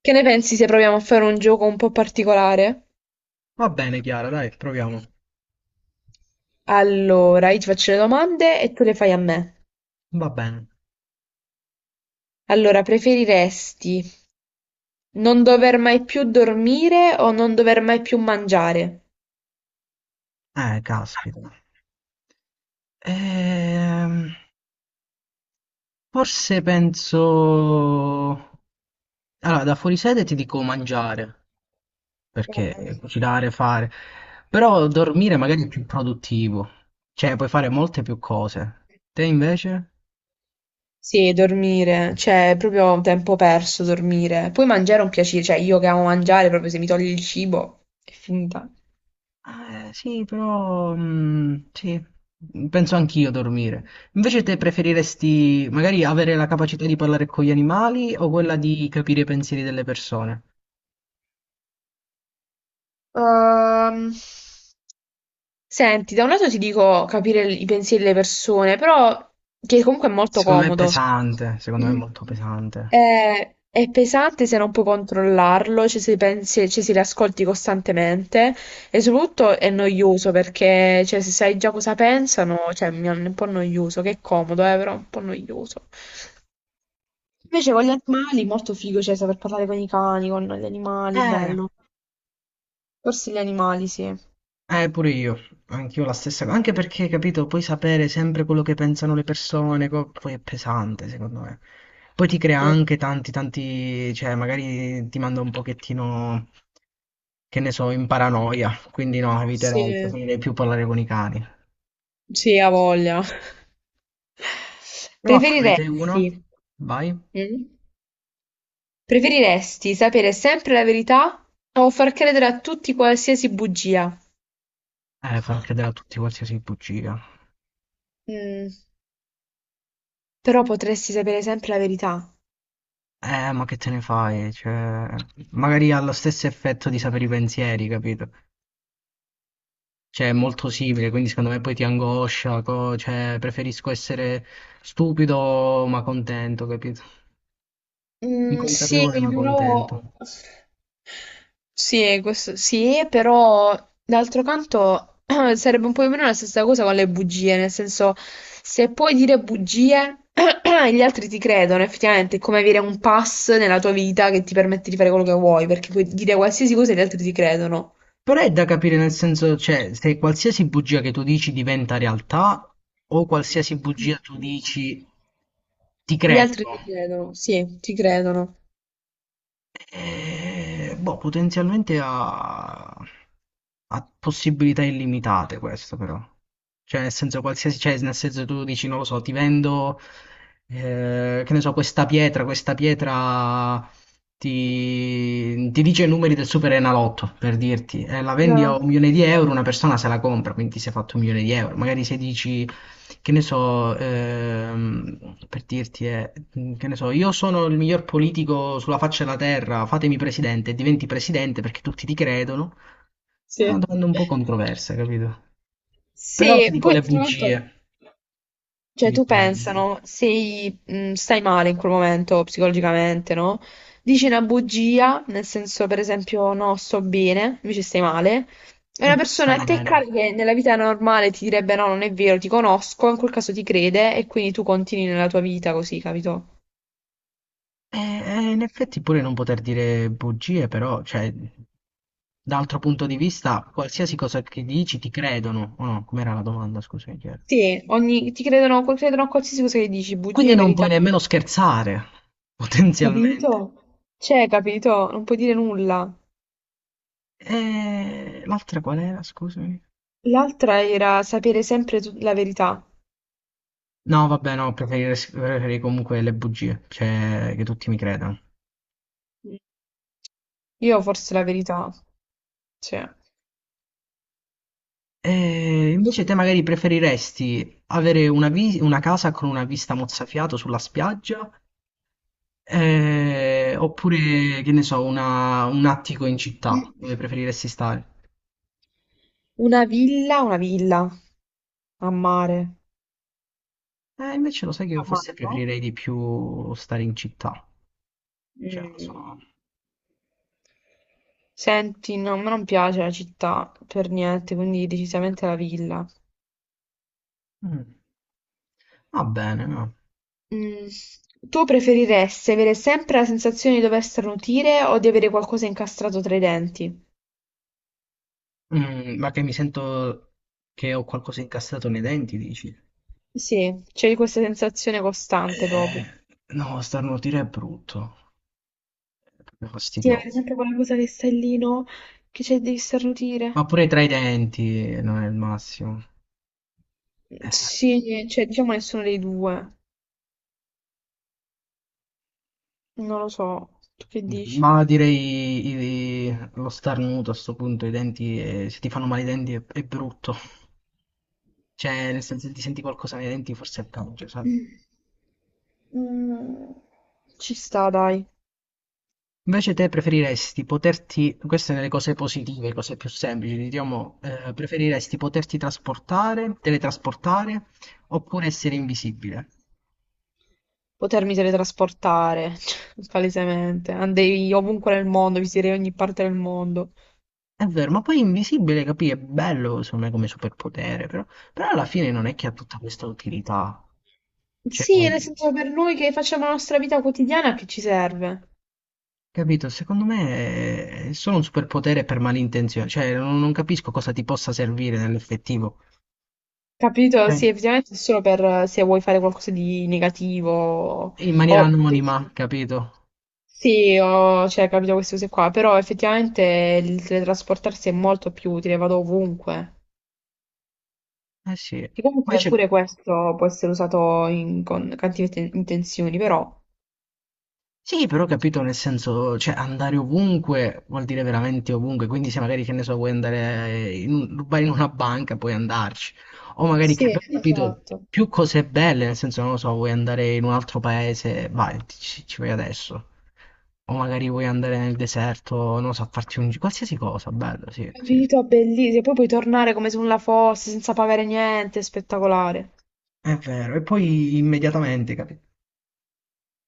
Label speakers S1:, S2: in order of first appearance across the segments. S1: Che ne pensi se proviamo a fare un gioco un po' particolare?
S2: Va bene, Chiara, dai, proviamo.
S1: Allora, io ti faccio le domande e tu le fai a me.
S2: Va bene.
S1: Allora, preferiresti non dover mai più dormire o non dover mai più mangiare?
S2: Caspita. Ehm, Forse penso. Allora, da fuori sede ti dico mangiare,
S1: Eh,
S2: perché cucinare, fare. Però dormire magari è più produttivo. Cioè, puoi fare molte più cose. Te invece?
S1: Sì, dormire, cioè è proprio tempo perso dormire. Poi mangiare è un piacere, cioè io che amo mangiare, proprio se mi togli il cibo è finita.
S2: Ah, eh, sì, però sì, penso anch'io a dormire. Invece te preferiresti magari avere la capacità di parlare con gli animali o quella di capire i pensieri delle persone?
S1: Ehm, Senti, da un lato ti dico capire i pensieri delle persone, però che comunque è molto
S2: Secondo me è
S1: comodo.
S2: pesante, secondo me è molto pesante.
S1: È pesante se non puoi controllarlo, cioè se pensi, cioè se li ascolti costantemente e soprattutto è noioso perché cioè, se sai già cosa pensano, cioè mi è un po' noioso, che è comodo, però è un po' noioso. Invece con gli animali molto figo, cioè saper parlare con i cani, con gli animali,
S2: Eh,
S1: bello. Forse gli animali, sì.
S2: Pure io, anch'io la stessa cosa, anche perché, capito, puoi sapere sempre quello che pensano le persone, poi è pesante, secondo me. Poi ti crea
S1: Sì,
S2: anche tanti, tanti, cioè magari ti manda un pochettino. Che ne so, in paranoia, quindi no,
S1: sì,
S2: eviterei, preferirei più parlare con i cani.
S1: sì, ha voglia.
S2: Prova a farne te uno,
S1: Preferiresti,
S2: vai.
S1: mm? Preferiresti sapere sempre la verità o far credere a tutti qualsiasi bugia?
S2: Far credere a tutti qualsiasi bugia.
S1: Mm, però potresti sapere sempre la verità.
S2: Ma che te ne fai? Cioè, magari ha lo stesso effetto di sapere i pensieri, capito? Cioè, è molto simile, quindi secondo me poi ti angoscia, cioè, preferisco essere stupido ma contento, capito?
S1: Mm, sì,
S2: Inconsapevole ma contento.
S1: però... Sì, questo sì, però d'altro canto sarebbe un po' più o meno la stessa cosa con le bugie, nel senso se puoi dire bugie gli altri ti credono, effettivamente è come avere un pass nella tua vita che ti permette di fare quello che vuoi, perché puoi dire qualsiasi cosa e gli altri ti credono.
S2: Però è da capire nel senso, cioè, se qualsiasi bugia che tu dici diventa realtà o qualsiasi bugia tu dici ti
S1: Gli
S2: credo.
S1: altri ti credono, sì, ti credono.
S2: Boh, potenzialmente ha possibilità illimitate questo però. Cioè, nel senso, qualsiasi, cioè, nel senso tu dici, non lo so, ti vendo, che ne so, questa pietra ti dice i numeri del Super Enalotto, per dirti, eh, la vendi
S1: Ah,
S2: a 1 milione di euro, una persona se la compra, quindi ti sei fatto 1 milione di euro. Magari se dici, che ne so, per dirti, che ne so, io sono il miglior politico sulla faccia della terra, fatemi presidente, e diventi presidente perché tutti ti credono. È
S1: sì.
S2: una domanda un po' controversa, capito? Però ti
S1: Sì,
S2: dico
S1: poi
S2: le
S1: d'altro canto...
S2: bugie,
S1: Cioè,
S2: ti
S1: tu
S2: dico le bugie.
S1: pensano, sei, stai male in quel momento psicologicamente, no? Dici una bugia, nel senso, per esempio, no, sto bene, invece stai male. E
S2: E
S1: una persona
S2: stai
S1: a te
S2: bene.
S1: cara che nella vita normale ti direbbe no, non è vero, ti conosco, in quel caso ti crede e quindi tu continui nella tua vita così, capito?
S2: E, in effetti pure non poter dire bugie, però, cioè, dall'altro punto di vista, qualsiasi cosa che dici ti credono. O no, com'era la domanda, scusa, che chiedo.
S1: Sì, ogni, ti credono, credono a qualsiasi cosa che dici, bugia,
S2: Quindi non
S1: verità.
S2: puoi nemmeno scherzare, potenzialmente.
S1: Capito? Cioè, capito? Non puoi dire nulla.
S2: E l'altra qual era? Scusami.
S1: L'altra era sapere sempre la verità.
S2: No, vabbè, no, preferirei comunque le bugie, cioè che tutti mi credano.
S1: Io forse la verità, cioè,
S2: E invece te magari preferiresti avere una casa con una vista mozzafiato sulla spiaggia, oppure, che ne so, un attico in città, dove preferiresti stare?
S1: una villa a mare.
S2: Invece lo sai che
S1: A
S2: io
S1: mare,
S2: forse
S1: no?
S2: preferirei di più stare in città. Cioè, lo so.
S1: Mm. Senti, no, a me non piace la città per niente, quindi decisamente la villa.
S2: Mm, Va bene, no.
S1: Mm. Tu preferiresti avere sempre la sensazione di dover starnutire o di avere qualcosa incastrato tra i denti?
S2: Ma che mi sento che ho qualcosa incassato nei denti, dici?
S1: Sì, c'è questa sensazione costante proprio.
S2: Eh, no, starnutire è brutto, è proprio
S1: Sì, per
S2: fastidioso.
S1: esempio quella cosa che stai lì, no? Che c'è, devi
S2: Ma
S1: starnutire.
S2: pure tra i denti non è il massimo. Eh,
S1: Sì, cioè, diciamo nessuno dei due. Non lo so. Tu che dici?
S2: ma direi lo starnuto a sto punto, i denti, se ti fanno male i denti è brutto. Cioè, nel senso, se ti senti qualcosa nei denti forse è peggio, sai?
S1: Mm. Mm, ci sta, dai.
S2: Invece te preferiresti queste nelle cose positive, cose più semplici, diciamo, preferiresti poterti teletrasportare oppure essere invisibile?
S1: Potermi teletrasportare, palesemente. Andrei ovunque nel mondo, visiterei ogni parte del mondo.
S2: È vero, ma poi invisibile, capì, è bello secondo me come superpotere, però alla fine non è che ha tutta questa utilità. Cioè,
S1: Sì, nel senso per noi che facciamo la nostra vita quotidiana, che ci serve?
S2: capito, secondo me è solo un superpotere per malintenzione, cioè non capisco cosa ti possa servire nell'effettivo.
S1: Capito?
S2: Cioè,
S1: Sì, effettivamente è solo per se vuoi fare qualcosa di negativo
S2: in maniera
S1: o...
S2: anonima, capito?
S1: Sì, ho, cioè, capito queste cose qua, però effettivamente il teletrasportarsi è molto più utile, vado ovunque.
S2: Eh sì.
S1: Che comunque pure
S2: Invece.
S1: questo può essere usato con cattive intenzioni, però...
S2: Sì, però capito nel senso, cioè andare ovunque vuol dire veramente ovunque, quindi se magari che ne so, vuoi andare vai in una banca, puoi andarci, o magari che,
S1: Sì,
S2: capito,
S1: esatto.
S2: più cose belle, nel senso, non lo so, vuoi andare in un altro paese, vai, ci vai adesso, o magari vuoi andare nel deserto, non lo so, a farti un qualsiasi cosa, bello, sì, sì, sì.
S1: Capito? Bellissimo. E poi puoi tornare come se nulla fosse, senza pagare niente, è spettacolare.
S2: È vero, e poi immediatamente, capito?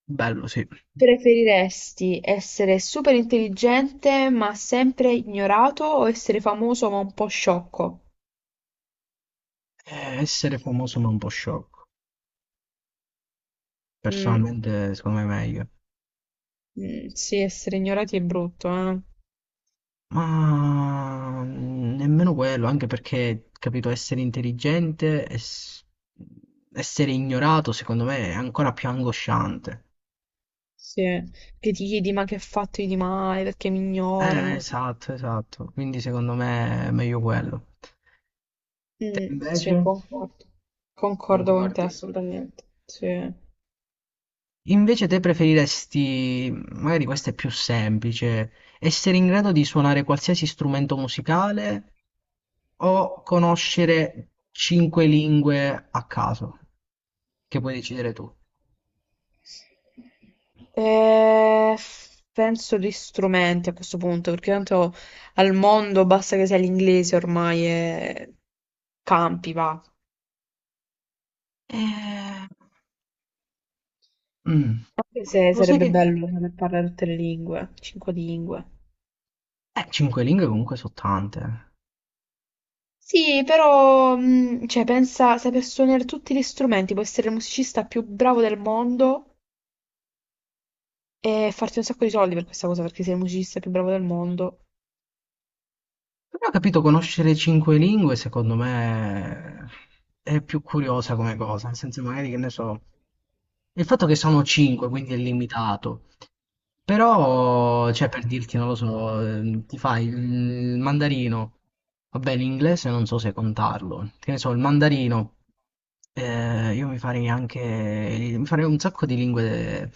S2: Bello, sì.
S1: Preferiresti essere superintelligente ma sempre ignorato o essere famoso ma un po' sciocco?
S2: Essere famoso ma un po' sciocco,
S1: Mm,
S2: personalmente secondo me è meglio.
S1: mm, sì, essere ignorati è brutto, eh.
S2: Ma nemmeno quello, anche perché, capito, essere intelligente, essere ignorato, secondo me, è ancora più angosciante.
S1: Sì, che ti chiedi ma che ho fatto io di male, perché mi ignorano? Sì,
S2: Esatto, esatto. Quindi secondo me è meglio quello. Te
S1: mm, sì,
S2: invece?
S1: concordo. Concordo con te
S2: Concordi?
S1: assolutamente. Sì.
S2: Invece te preferiresti, magari questa è più semplice, essere in grado di suonare qualsiasi strumento musicale o conoscere cinque lingue a caso, che puoi decidere tu?
S1: Eh, penso di strumenti a questo punto, perché tanto al mondo basta che sia l'inglese ormai e campi, va.
S2: Ehm, mh,
S1: Anche se
S2: Lo sai
S1: sarebbe
S2: che.
S1: bello saper parlare tutte le lingue, cinque lingue.
S2: Cinque lingue comunque sono tante.
S1: Sì, però, cioè, pensa, saper suonare tutti gli strumenti, puoi essere il musicista più bravo del mondo e farti un sacco di soldi per questa cosa, perché sei il musicista più bravo del mondo.
S2: Però ho capito, conoscere cinque lingue secondo me è più curiosa come cosa, nel senso magari che ne so. Il fatto che sono cinque, quindi è limitato. Però, cioè, per dirti, non lo so, ti fai il mandarino, vabbè, l'inglese non so se contarlo, che ne so, il mandarino, io mi farei anche, mi farei un sacco di lingue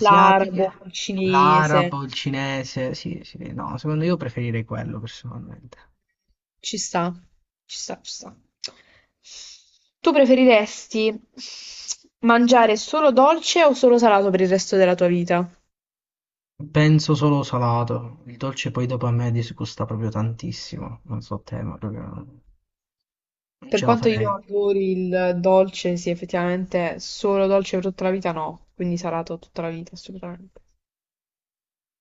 S1: L'arabo, il cinese.
S2: l'arabo, il cinese, sì, sì, no, secondo io preferirei quello personalmente.
S1: Ci sta, ci sta, ci sta. Tu preferiresti mangiare solo dolce o solo salato per il resto della tua vita?
S2: Penso solo salato, il dolce poi dopo a me disgusta proprio tantissimo, non so te, ma proprio non
S1: Per
S2: ce la
S1: quanto io
S2: farei.
S1: adori il dolce, sì, effettivamente solo dolce per tutta la vita no, quindi salato tutta la vita assolutamente.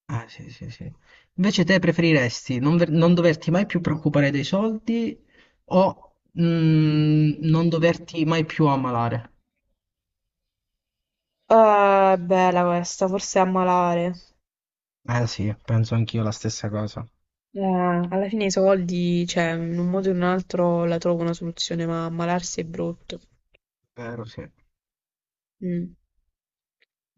S2: Ah, sì, sì, sì. Invece te preferiresti non doverti mai più preoccupare dei soldi o non doverti mai più ammalare?
S1: Bella questa, forse a malare.
S2: Eh sì, penso anch'io la stessa cosa.
S1: Alla fine i soldi, cioè, in un modo o in un altro la trovo una soluzione, ma ammalarsi è brutto.
S2: Vero, sì.
S1: Mm.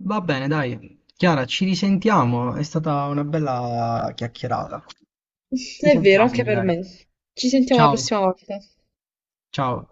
S2: Va bene, dai. Chiara, ci risentiamo. È stata una bella chiacchierata. Ci
S1: È vero,
S2: sentiamo
S1: anche per
S2: magari.
S1: me. Ci sentiamo la
S2: Ciao,
S1: prossima volta.
S2: ciao.